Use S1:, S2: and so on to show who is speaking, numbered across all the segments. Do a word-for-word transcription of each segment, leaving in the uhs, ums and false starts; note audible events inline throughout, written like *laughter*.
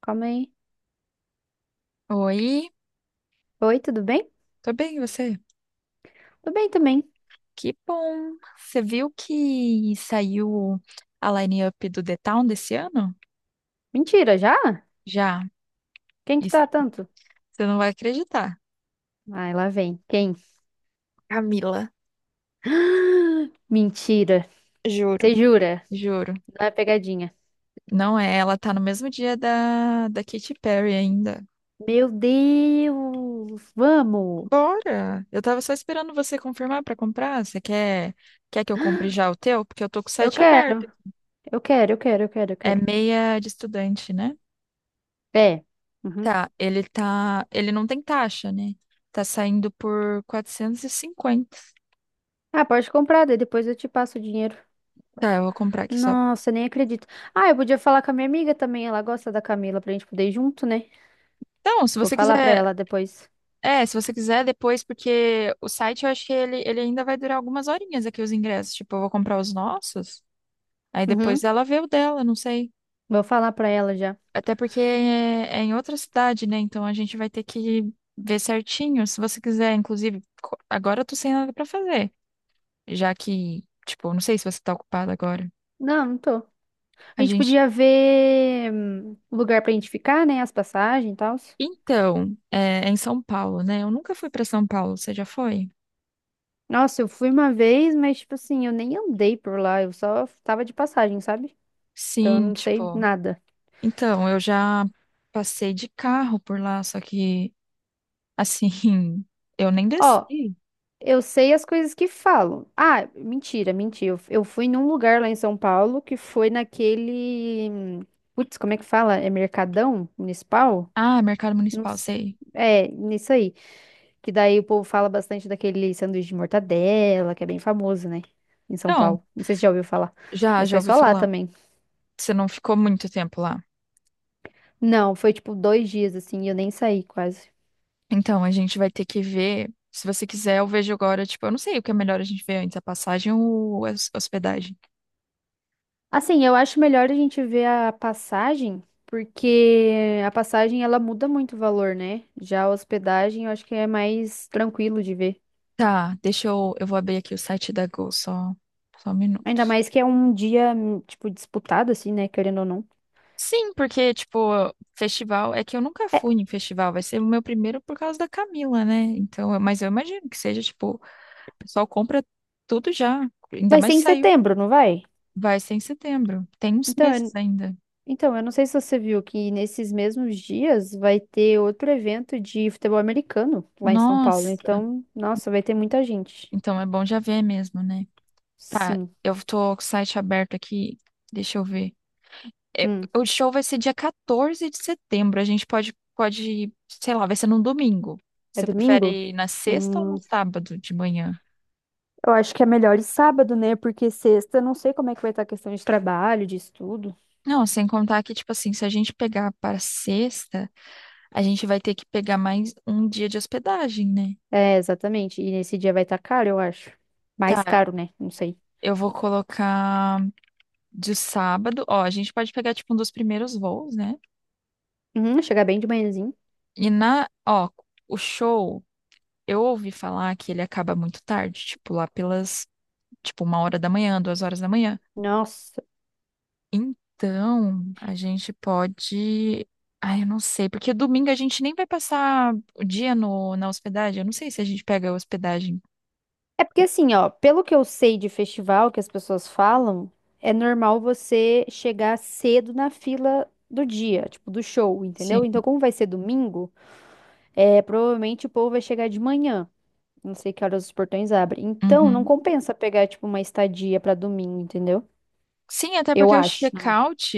S1: Calma aí.
S2: Oi,
S1: Oi, tudo bem?
S2: tô bem, e você?
S1: Tudo bem também.
S2: Que bom! Você viu que saiu a line-up do The Town desse ano?
S1: Mentira, já?
S2: Já.
S1: Quem que
S2: Isso,
S1: tá tanto?
S2: você não vai acreditar,
S1: Ai, lá vem. Quem?
S2: Camila,
S1: *gasps* Mentira.
S2: juro.
S1: Você jura?
S2: Juro.
S1: Não é pegadinha.
S2: Não é, ela tá no mesmo dia da, da Katy Perry ainda.
S1: Meu Deus! Vamos!
S2: Bora! Eu tava só esperando você confirmar pra comprar. Você quer, quer que eu compre já o teu? Porque eu tô com o
S1: Eu
S2: site aberto.
S1: quero, eu quero, eu quero, eu quero, eu
S2: É
S1: quero
S2: meia de estudante, né?
S1: É. Uhum.
S2: Tá, ele tá, ele não tem taxa, né? Tá saindo por quatrocentos e cinquenta.
S1: Ah, pode comprar, daí depois eu te passo o dinheiro.
S2: Tá, eu vou comprar aqui só.
S1: Nossa, nem acredito. Ah, eu podia falar com a minha amiga também. Ela gosta da Camila pra gente poder ir junto, né?
S2: Então, se
S1: Vou
S2: você
S1: falar pra
S2: quiser,
S1: ela depois.
S2: é, se você quiser depois, porque o site eu acho que ele, ele ainda vai durar algumas horinhas aqui os ingressos. Tipo, eu vou comprar os nossos, aí depois
S1: Uhum.
S2: ela vê o dela, não sei.
S1: Vou falar pra ela já.
S2: Até porque é, é em outra cidade, né? Então a gente vai ter que ver certinho. Se você quiser, inclusive, co- agora eu tô sem nada pra fazer, já que, tipo, não sei se você tá ocupado agora.
S1: Não, não tô. A
S2: A
S1: gente
S2: gente.
S1: podia ver hum, lugar pra gente ficar, né? As passagens e tal.
S2: Então, é, em São Paulo, né? Eu nunca fui para São Paulo, você já foi?
S1: Nossa, eu fui uma vez, mas, tipo assim, eu nem andei por lá. Eu só tava de passagem, sabe? Então eu
S2: Sim,
S1: não sei
S2: tipo,
S1: nada.
S2: então, eu já passei de carro por lá, só que, assim, *laughs* eu nem
S1: Ó,
S2: desci.
S1: eu sei as coisas que falam. Ah, mentira, mentira. Eu, eu fui num lugar lá em São Paulo que foi naquele. hum, Putz, como é que fala? É Mercadão Municipal?
S2: Ah, Mercado
S1: Não
S2: Municipal,
S1: s-
S2: sei.
S1: É, nisso aí. Que daí o povo fala bastante daquele sanduíche de mortadela, que é bem famoso, né? Em São
S2: Então,
S1: Paulo. Não sei se já ouviu falar,
S2: já,
S1: mas
S2: já
S1: foi
S2: ouvi
S1: só lá
S2: falar.
S1: também.
S2: Você não ficou muito tempo lá.
S1: Não, foi tipo dois dias, assim, e eu nem saí quase.
S2: Então, a gente vai ter que ver. Se você quiser, eu vejo agora, tipo, eu não sei o que é melhor a gente ver antes, a passagem ou a hos- hospedagem.
S1: Assim, eu acho melhor a gente ver a passagem, porque a passagem ela muda muito o valor, né? Já a hospedagem eu acho que é mais tranquilo de ver.
S2: Tá, deixa eu, eu vou abrir aqui o site da Gol, só, só um minuto.
S1: Ainda mais que é um dia, hum, tipo, disputado, assim, né? Querendo ou não.
S2: Sim, porque, tipo, festival. É que eu nunca
S1: É,
S2: fui em festival, vai ser o meu primeiro por causa da Camila, né? Então, mas eu imagino que seja, tipo, o pessoal compra tudo já, ainda
S1: vai ser
S2: mais
S1: em
S2: saiu.
S1: setembro, não vai?
S2: Vai ser em setembro, tem uns
S1: Então,
S2: meses ainda.
S1: Então, eu não sei se você viu que nesses mesmos dias vai ter outro evento de futebol americano lá em São Paulo.
S2: Nossa,
S1: Então, nossa, vai ter muita gente.
S2: então é bom já ver mesmo, né? Tá,
S1: Sim.
S2: eu tô com o site aberto aqui, deixa eu ver. É,
S1: Hum.
S2: o show vai ser dia quatorze de setembro, a gente pode, pode, sei lá, vai ser num domingo.
S1: É
S2: Você
S1: domingo?
S2: prefere na sexta ou no
S1: Hum.
S2: sábado de manhã?
S1: Eu acho que é melhor ir sábado, né? Porque sexta, eu não sei como é que vai estar a questão de trabalho, de estudo.
S2: Não, sem contar que, tipo assim, se a gente pegar para sexta, a gente vai ter que pegar mais um dia de hospedagem, né?
S1: É, exatamente. E nesse dia vai estar caro, eu acho. Mais
S2: Tá,
S1: caro, né? Não sei.
S2: eu vou colocar de sábado. Ó, a gente pode pegar, tipo, um dos primeiros voos, né?
S1: Uhum, chegar bem de manhãzinho.
S2: E na, ó, o show, eu ouvi falar que ele acaba muito tarde, tipo, lá pelas, tipo, uma hora da manhã, duas horas da manhã.
S1: Nossa.
S2: Então, a gente pode. Ai, eu não sei, porque domingo a gente nem vai passar o dia no, na hospedagem. Eu não sei se a gente pega a hospedagem.
S1: É porque assim, ó, pelo que eu sei de festival que as pessoas falam, é normal você chegar cedo na fila do dia, tipo, do show, entendeu?
S2: Sim.
S1: Então, como vai ser domingo, é, provavelmente o povo vai chegar de manhã. Não sei que horas os portões abrem. Então, não
S2: Uhum.
S1: compensa pegar, tipo, uma estadia pra domingo, entendeu?
S2: Sim, até
S1: Eu
S2: porque o
S1: acho. na minha-
S2: check-out,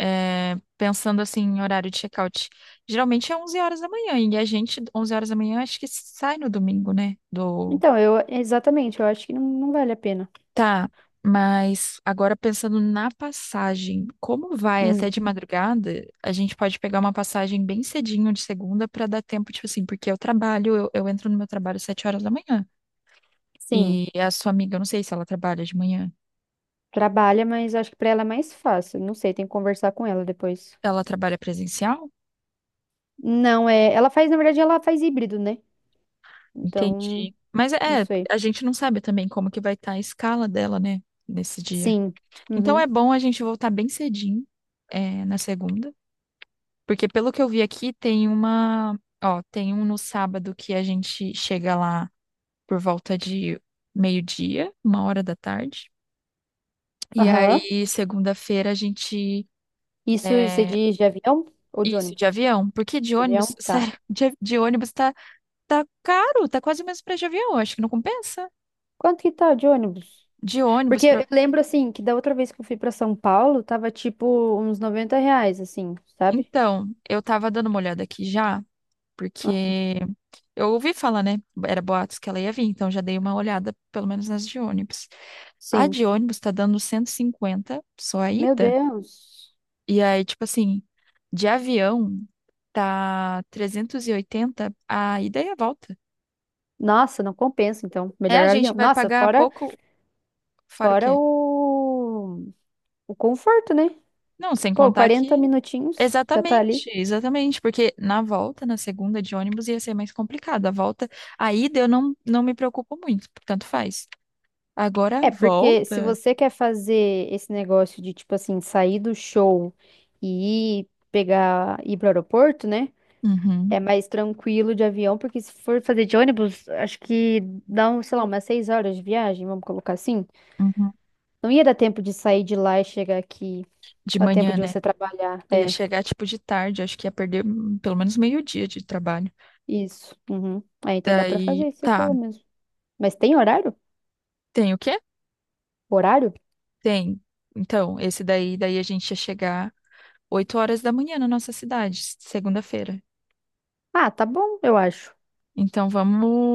S2: é, pensando assim em horário de check-out, geralmente é onze horas da manhã, e a gente, onze horas da manhã, acho que sai no domingo, né? Do...
S1: Então, eu, exatamente, eu acho que não, não vale a pena.
S2: Tá, mas agora pensando na passagem, como vai até
S1: Hum,
S2: de madrugada, a gente pode pegar uma passagem bem cedinho de segunda para dar tempo, tipo assim, porque eu trabalho, eu, eu entro no meu trabalho às sete horas da manhã,
S1: sim,
S2: e a sua amiga, eu não sei se ela trabalha de manhã,
S1: trabalha, mas acho que pra ela é mais fácil. Não sei, tem que conversar com ela depois.
S2: ela trabalha presencial?
S1: Não, é, ela faz, na verdade, ela faz híbrido, né? Então,
S2: Entendi. Mas
S1: não
S2: é,
S1: sei.
S2: a gente não sabe também como que vai estar a escala dela, né, nesse dia.
S1: Sim.
S2: Então é
S1: Uhum.
S2: bom a gente voltar bem cedinho, é, na segunda, porque pelo que eu vi aqui tem uma, ó, tem um no sábado que a gente chega lá por volta de meio-dia, uma hora da tarde. E
S1: Aham.
S2: aí segunda-feira a gente.
S1: Isso você
S2: É,
S1: diz de avião ou de
S2: isso, de
S1: ônibus?
S2: avião, porque de
S1: De avião?
S2: ônibus, *laughs*
S1: Tá.
S2: sério, de, de ônibus tá tá caro, tá quase o mesmo preço de avião, acho que não compensa.
S1: Quanto que tá de ônibus?
S2: De
S1: Porque
S2: ônibus.
S1: eu lembro, assim, que da outra vez que eu fui pra São Paulo, tava tipo uns noventa reais, assim, sabe?
S2: Então, eu tava dando uma olhada aqui já, porque eu ouvi falar, né? Era boatos que ela ia vir, então já dei uma olhada, pelo menos nas de ônibus. A
S1: Sim.
S2: de ônibus tá dando cento e cinquenta só a
S1: Meu
S2: ida.
S1: Deus.
S2: E aí, tipo assim, de avião tá trezentos e oitenta a ida e a volta.
S1: Nossa, não compensa, então.
S2: É, a
S1: Melhor
S2: gente
S1: avião.
S2: vai
S1: Nossa,
S2: pagar
S1: fora,
S2: pouco, fora o
S1: fora
S2: quê?
S1: o, o conforto, né?
S2: Não, sem
S1: Pô,
S2: contar que.
S1: quarenta minutinhos, já tá ali.
S2: Exatamente, exatamente. Porque na volta, na segunda de ônibus, ia ser mais complicado. A volta, a ida eu não, não me preocupo muito, tanto faz. Agora a
S1: É, porque se
S2: volta.
S1: você quer fazer esse negócio de, tipo assim, sair do show e ir pegar, ir pro aeroporto, né? É
S2: Uhum,
S1: mais tranquilo de avião, porque se for fazer de ônibus, acho que dá, um, sei lá, umas seis horas de viagem, vamos colocar assim.
S2: uhum.
S1: Não ia dar tempo de sair de lá e chegar aqui.
S2: De
S1: Dá tempo
S2: manhã,
S1: de
S2: né?
S1: você trabalhar.
S2: Ia
S1: É,
S2: chegar tipo de tarde, acho que ia perder hum, pelo menos meio-dia de trabalho.
S1: isso. Uhum. É, então dá pra
S2: Daí,
S1: fazer, você
S2: tá.
S1: falou mesmo. Mas tem horário?
S2: Tem o quê?
S1: Horário?
S2: Tem. Então, esse daí, daí a gente ia chegar oito horas da manhã na nossa cidade, segunda-feira.
S1: Ah, tá bom, eu acho.
S2: Então,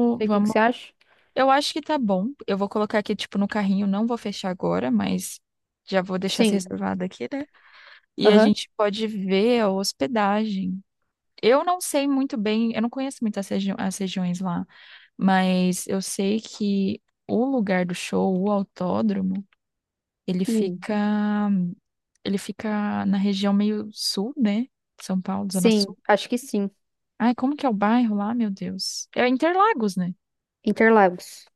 S1: Não sei o que que
S2: vamos.
S1: você acha.
S2: Eu acho que tá bom. Eu vou colocar aqui, tipo, no carrinho. Não vou fechar agora, mas já vou deixar se
S1: Sim.
S2: reservado aqui, né? E a
S1: Aham.
S2: gente pode ver a hospedagem. Eu não sei muito bem, eu não conheço muito as, regi- as regiões lá, mas eu sei que o lugar do show, o autódromo, ele
S1: Hum.
S2: fica, ele fica na região meio sul, né? São Paulo, Zona Sul.
S1: Sim, acho que sim.
S2: Ai, como que é o bairro lá, meu Deus? É Interlagos, né?
S1: Interlagos.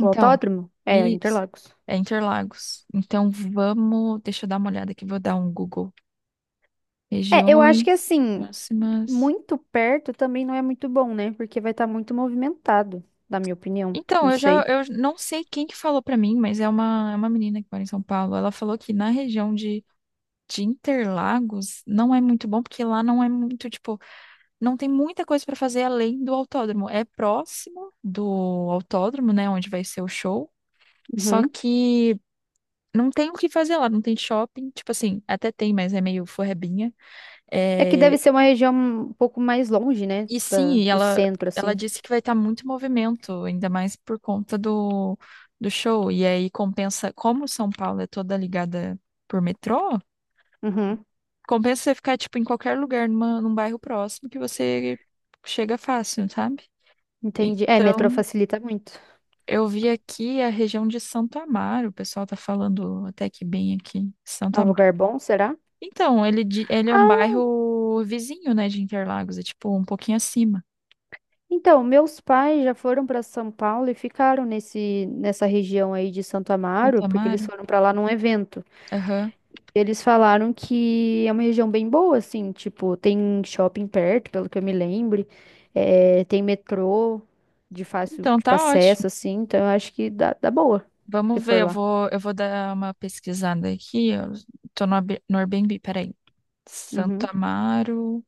S1: O autódromo? É,
S2: isso.
S1: Interlagos.
S2: É Interlagos. Então, vamos. Deixa eu dar uma olhada aqui, vou dar um Google.
S1: É, eu acho que
S2: Regiões
S1: assim,
S2: próximas.
S1: muito perto também não é muito bom, né? Porque vai estar muito movimentado, na minha opinião.
S2: Então,
S1: Não
S2: eu já.
S1: sei.
S2: Eu não sei quem que falou pra mim, mas é uma, é uma menina que mora em São Paulo. Ela falou que na região de, de Interlagos não é muito bom, porque lá não é muito, tipo. Não tem muita coisa pra fazer além do autódromo. É próximo do autódromo, né, onde vai ser o show. Só
S1: Uhum.
S2: que. Não tem o que fazer lá, não tem shopping. Tipo assim, até tem, mas é meio forrebinha.
S1: É que deve
S2: É,
S1: ser uma região um pouco mais longe, né?
S2: e
S1: Da,
S2: sim,
S1: do
S2: ela,
S1: centro,
S2: ela
S1: assim.
S2: disse que vai estar muito movimento, ainda mais por conta do, do show. E aí compensa, como São Paulo é toda ligada por metrô,
S1: Uhum.
S2: compensa você ficar tipo em qualquer lugar, numa, num bairro próximo que você chega fácil, sabe?
S1: Entendi. É, metrô
S2: Então,
S1: facilita muito.
S2: eu vi aqui a região de Santo Amaro, o pessoal tá falando até que bem aqui, Santo
S1: É um
S2: Amaro.
S1: lugar bom, será?
S2: Então, ele, di- ele é um
S1: Ah,
S2: bairro vizinho, né, de Interlagos, é tipo um pouquinho acima.
S1: então, meus pais já foram para São Paulo e ficaram nesse, nessa região aí de Santo
S2: Santo
S1: Amaro, porque eles
S2: Amaro?
S1: foram para lá num evento.
S2: Aham.
S1: Eles falaram que é uma região bem boa, assim, tipo, tem shopping perto, pelo que eu me lembre, eh, tem metrô de fácil,
S2: Então
S1: tipo,
S2: tá ótimo.
S1: acesso, assim, então eu acho que dá, dá boa, se
S2: Vamos ver,
S1: for
S2: eu
S1: lá.
S2: vou, eu vou dar uma pesquisada aqui. Eu tô no, Ab- no Airbnb, peraí. Santo
S1: Uhum.
S2: Amaro.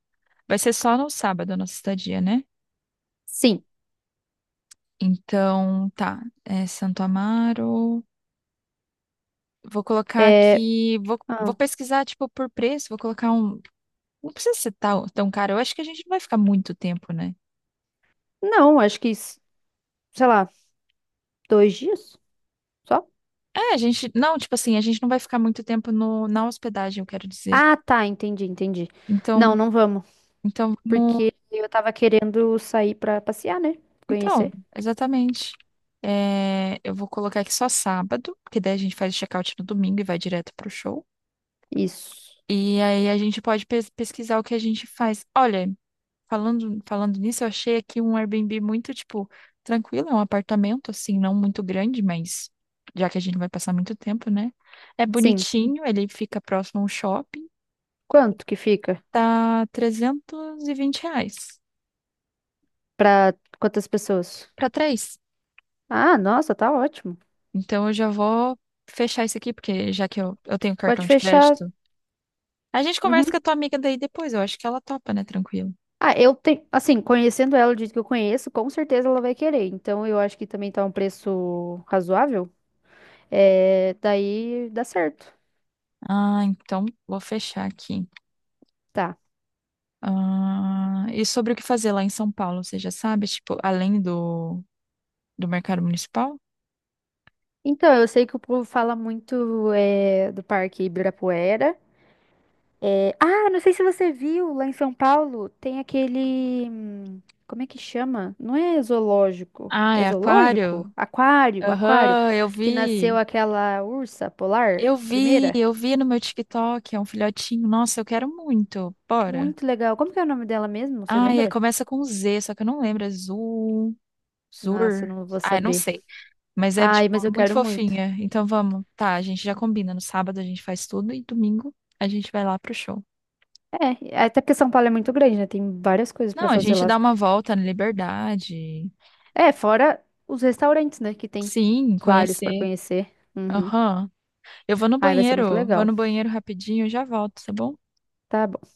S2: Vai ser só no sábado a nossa estadia, né?
S1: Sim,
S2: Então, tá. É Santo Amaro. Vou colocar
S1: é...
S2: aqui. Vou, vou
S1: ah,
S2: pesquisar, tipo, por preço. Vou colocar um. Não precisa ser tão, tão caro. Eu acho que a gente não vai ficar muito tempo, né?
S1: não, acho que, s- sei lá, dois dias só?
S2: É, a gente. Não, tipo assim, a gente não vai ficar muito tempo no, na hospedagem, eu quero dizer.
S1: Ah, tá, entendi, entendi. Não,
S2: Então,
S1: não vamos,
S2: então
S1: porque eu tava querendo sair pra passear, né,
S2: Então,
S1: conhecer.
S2: exatamente. É, eu vou colocar aqui só sábado, porque daí a gente faz o check-out no domingo e vai direto pro show.
S1: Isso,
S2: E aí a gente pode pes- pesquisar o que a gente faz. Olha, falando, falando nisso, eu achei aqui um Airbnb muito, tipo, tranquilo, é um apartamento, assim, não muito grande, mas já que a gente vai passar muito tempo, né? É
S1: sim.
S2: bonitinho, ele fica próximo a um shopping,
S1: Quanto que fica?
S2: tá trezentos e vinte reais
S1: Pra quantas pessoas?
S2: pra três.
S1: Ah, nossa, tá ótimo.
S2: Então eu já vou fechar isso aqui, porque já que eu, eu tenho cartão
S1: Pode
S2: de
S1: fechar.
S2: crédito. A gente conversa
S1: Uhum.
S2: com a tua amiga daí depois, eu acho que ela topa, né? Tranquilo.
S1: Ah, eu tenho, assim, conhecendo ela do jeito que eu conheço, com certeza ela vai querer. Então eu acho que também tá um preço razoável. É, daí dá certo.
S2: Ah, então vou fechar aqui.
S1: Tá.
S2: Ah, e sobre o que fazer lá em São Paulo, você já sabe? Tipo, além do, do mercado municipal?
S1: Então, eu sei que o povo fala muito é, do Parque Ibirapuera. É, Ah, não sei se você viu lá em São Paulo, tem aquele. hum, Como é que chama? Não é zoológico.
S2: Ah,
S1: É
S2: é
S1: zoológico?
S2: aquário?
S1: Aquário, aquário.
S2: Aham, eu
S1: Que nasceu
S2: vi.
S1: aquela ursa polar,
S2: Eu vi,
S1: primeira.
S2: eu vi no meu TikTok, é um filhotinho. Nossa, eu quero muito. Bora.
S1: Muito legal. Como que é o nome dela mesmo? Você
S2: Ai, é-
S1: lembra?
S2: começa com Z, só que eu não lembro. É Zul,
S1: Nossa, eu
S2: Zur.
S1: não vou
S2: Ah, eu não
S1: saber.
S2: sei. Mas é,
S1: Ai,
S2: tipo,
S1: mas eu
S2: muito
S1: quero muito.
S2: fofinha. Então vamos. Tá, a gente já combina. No sábado a gente faz tudo e domingo a gente vai lá pro show.
S1: É, até porque São Paulo é muito grande, né? Tem várias coisas
S2: Não,
S1: pra
S2: a
S1: fazer
S2: gente
S1: lá.
S2: dá uma volta na Liberdade.
S1: É, fora os restaurantes, né? Que tem
S2: Sim,
S1: vários pra
S2: conhecer.
S1: conhecer. Uhum.
S2: Aham. Eu vou no
S1: Ai, vai ser muito
S2: banheiro. Vou
S1: legal.
S2: no banheiro rapidinho e já volto, tá bom?
S1: Tá bom.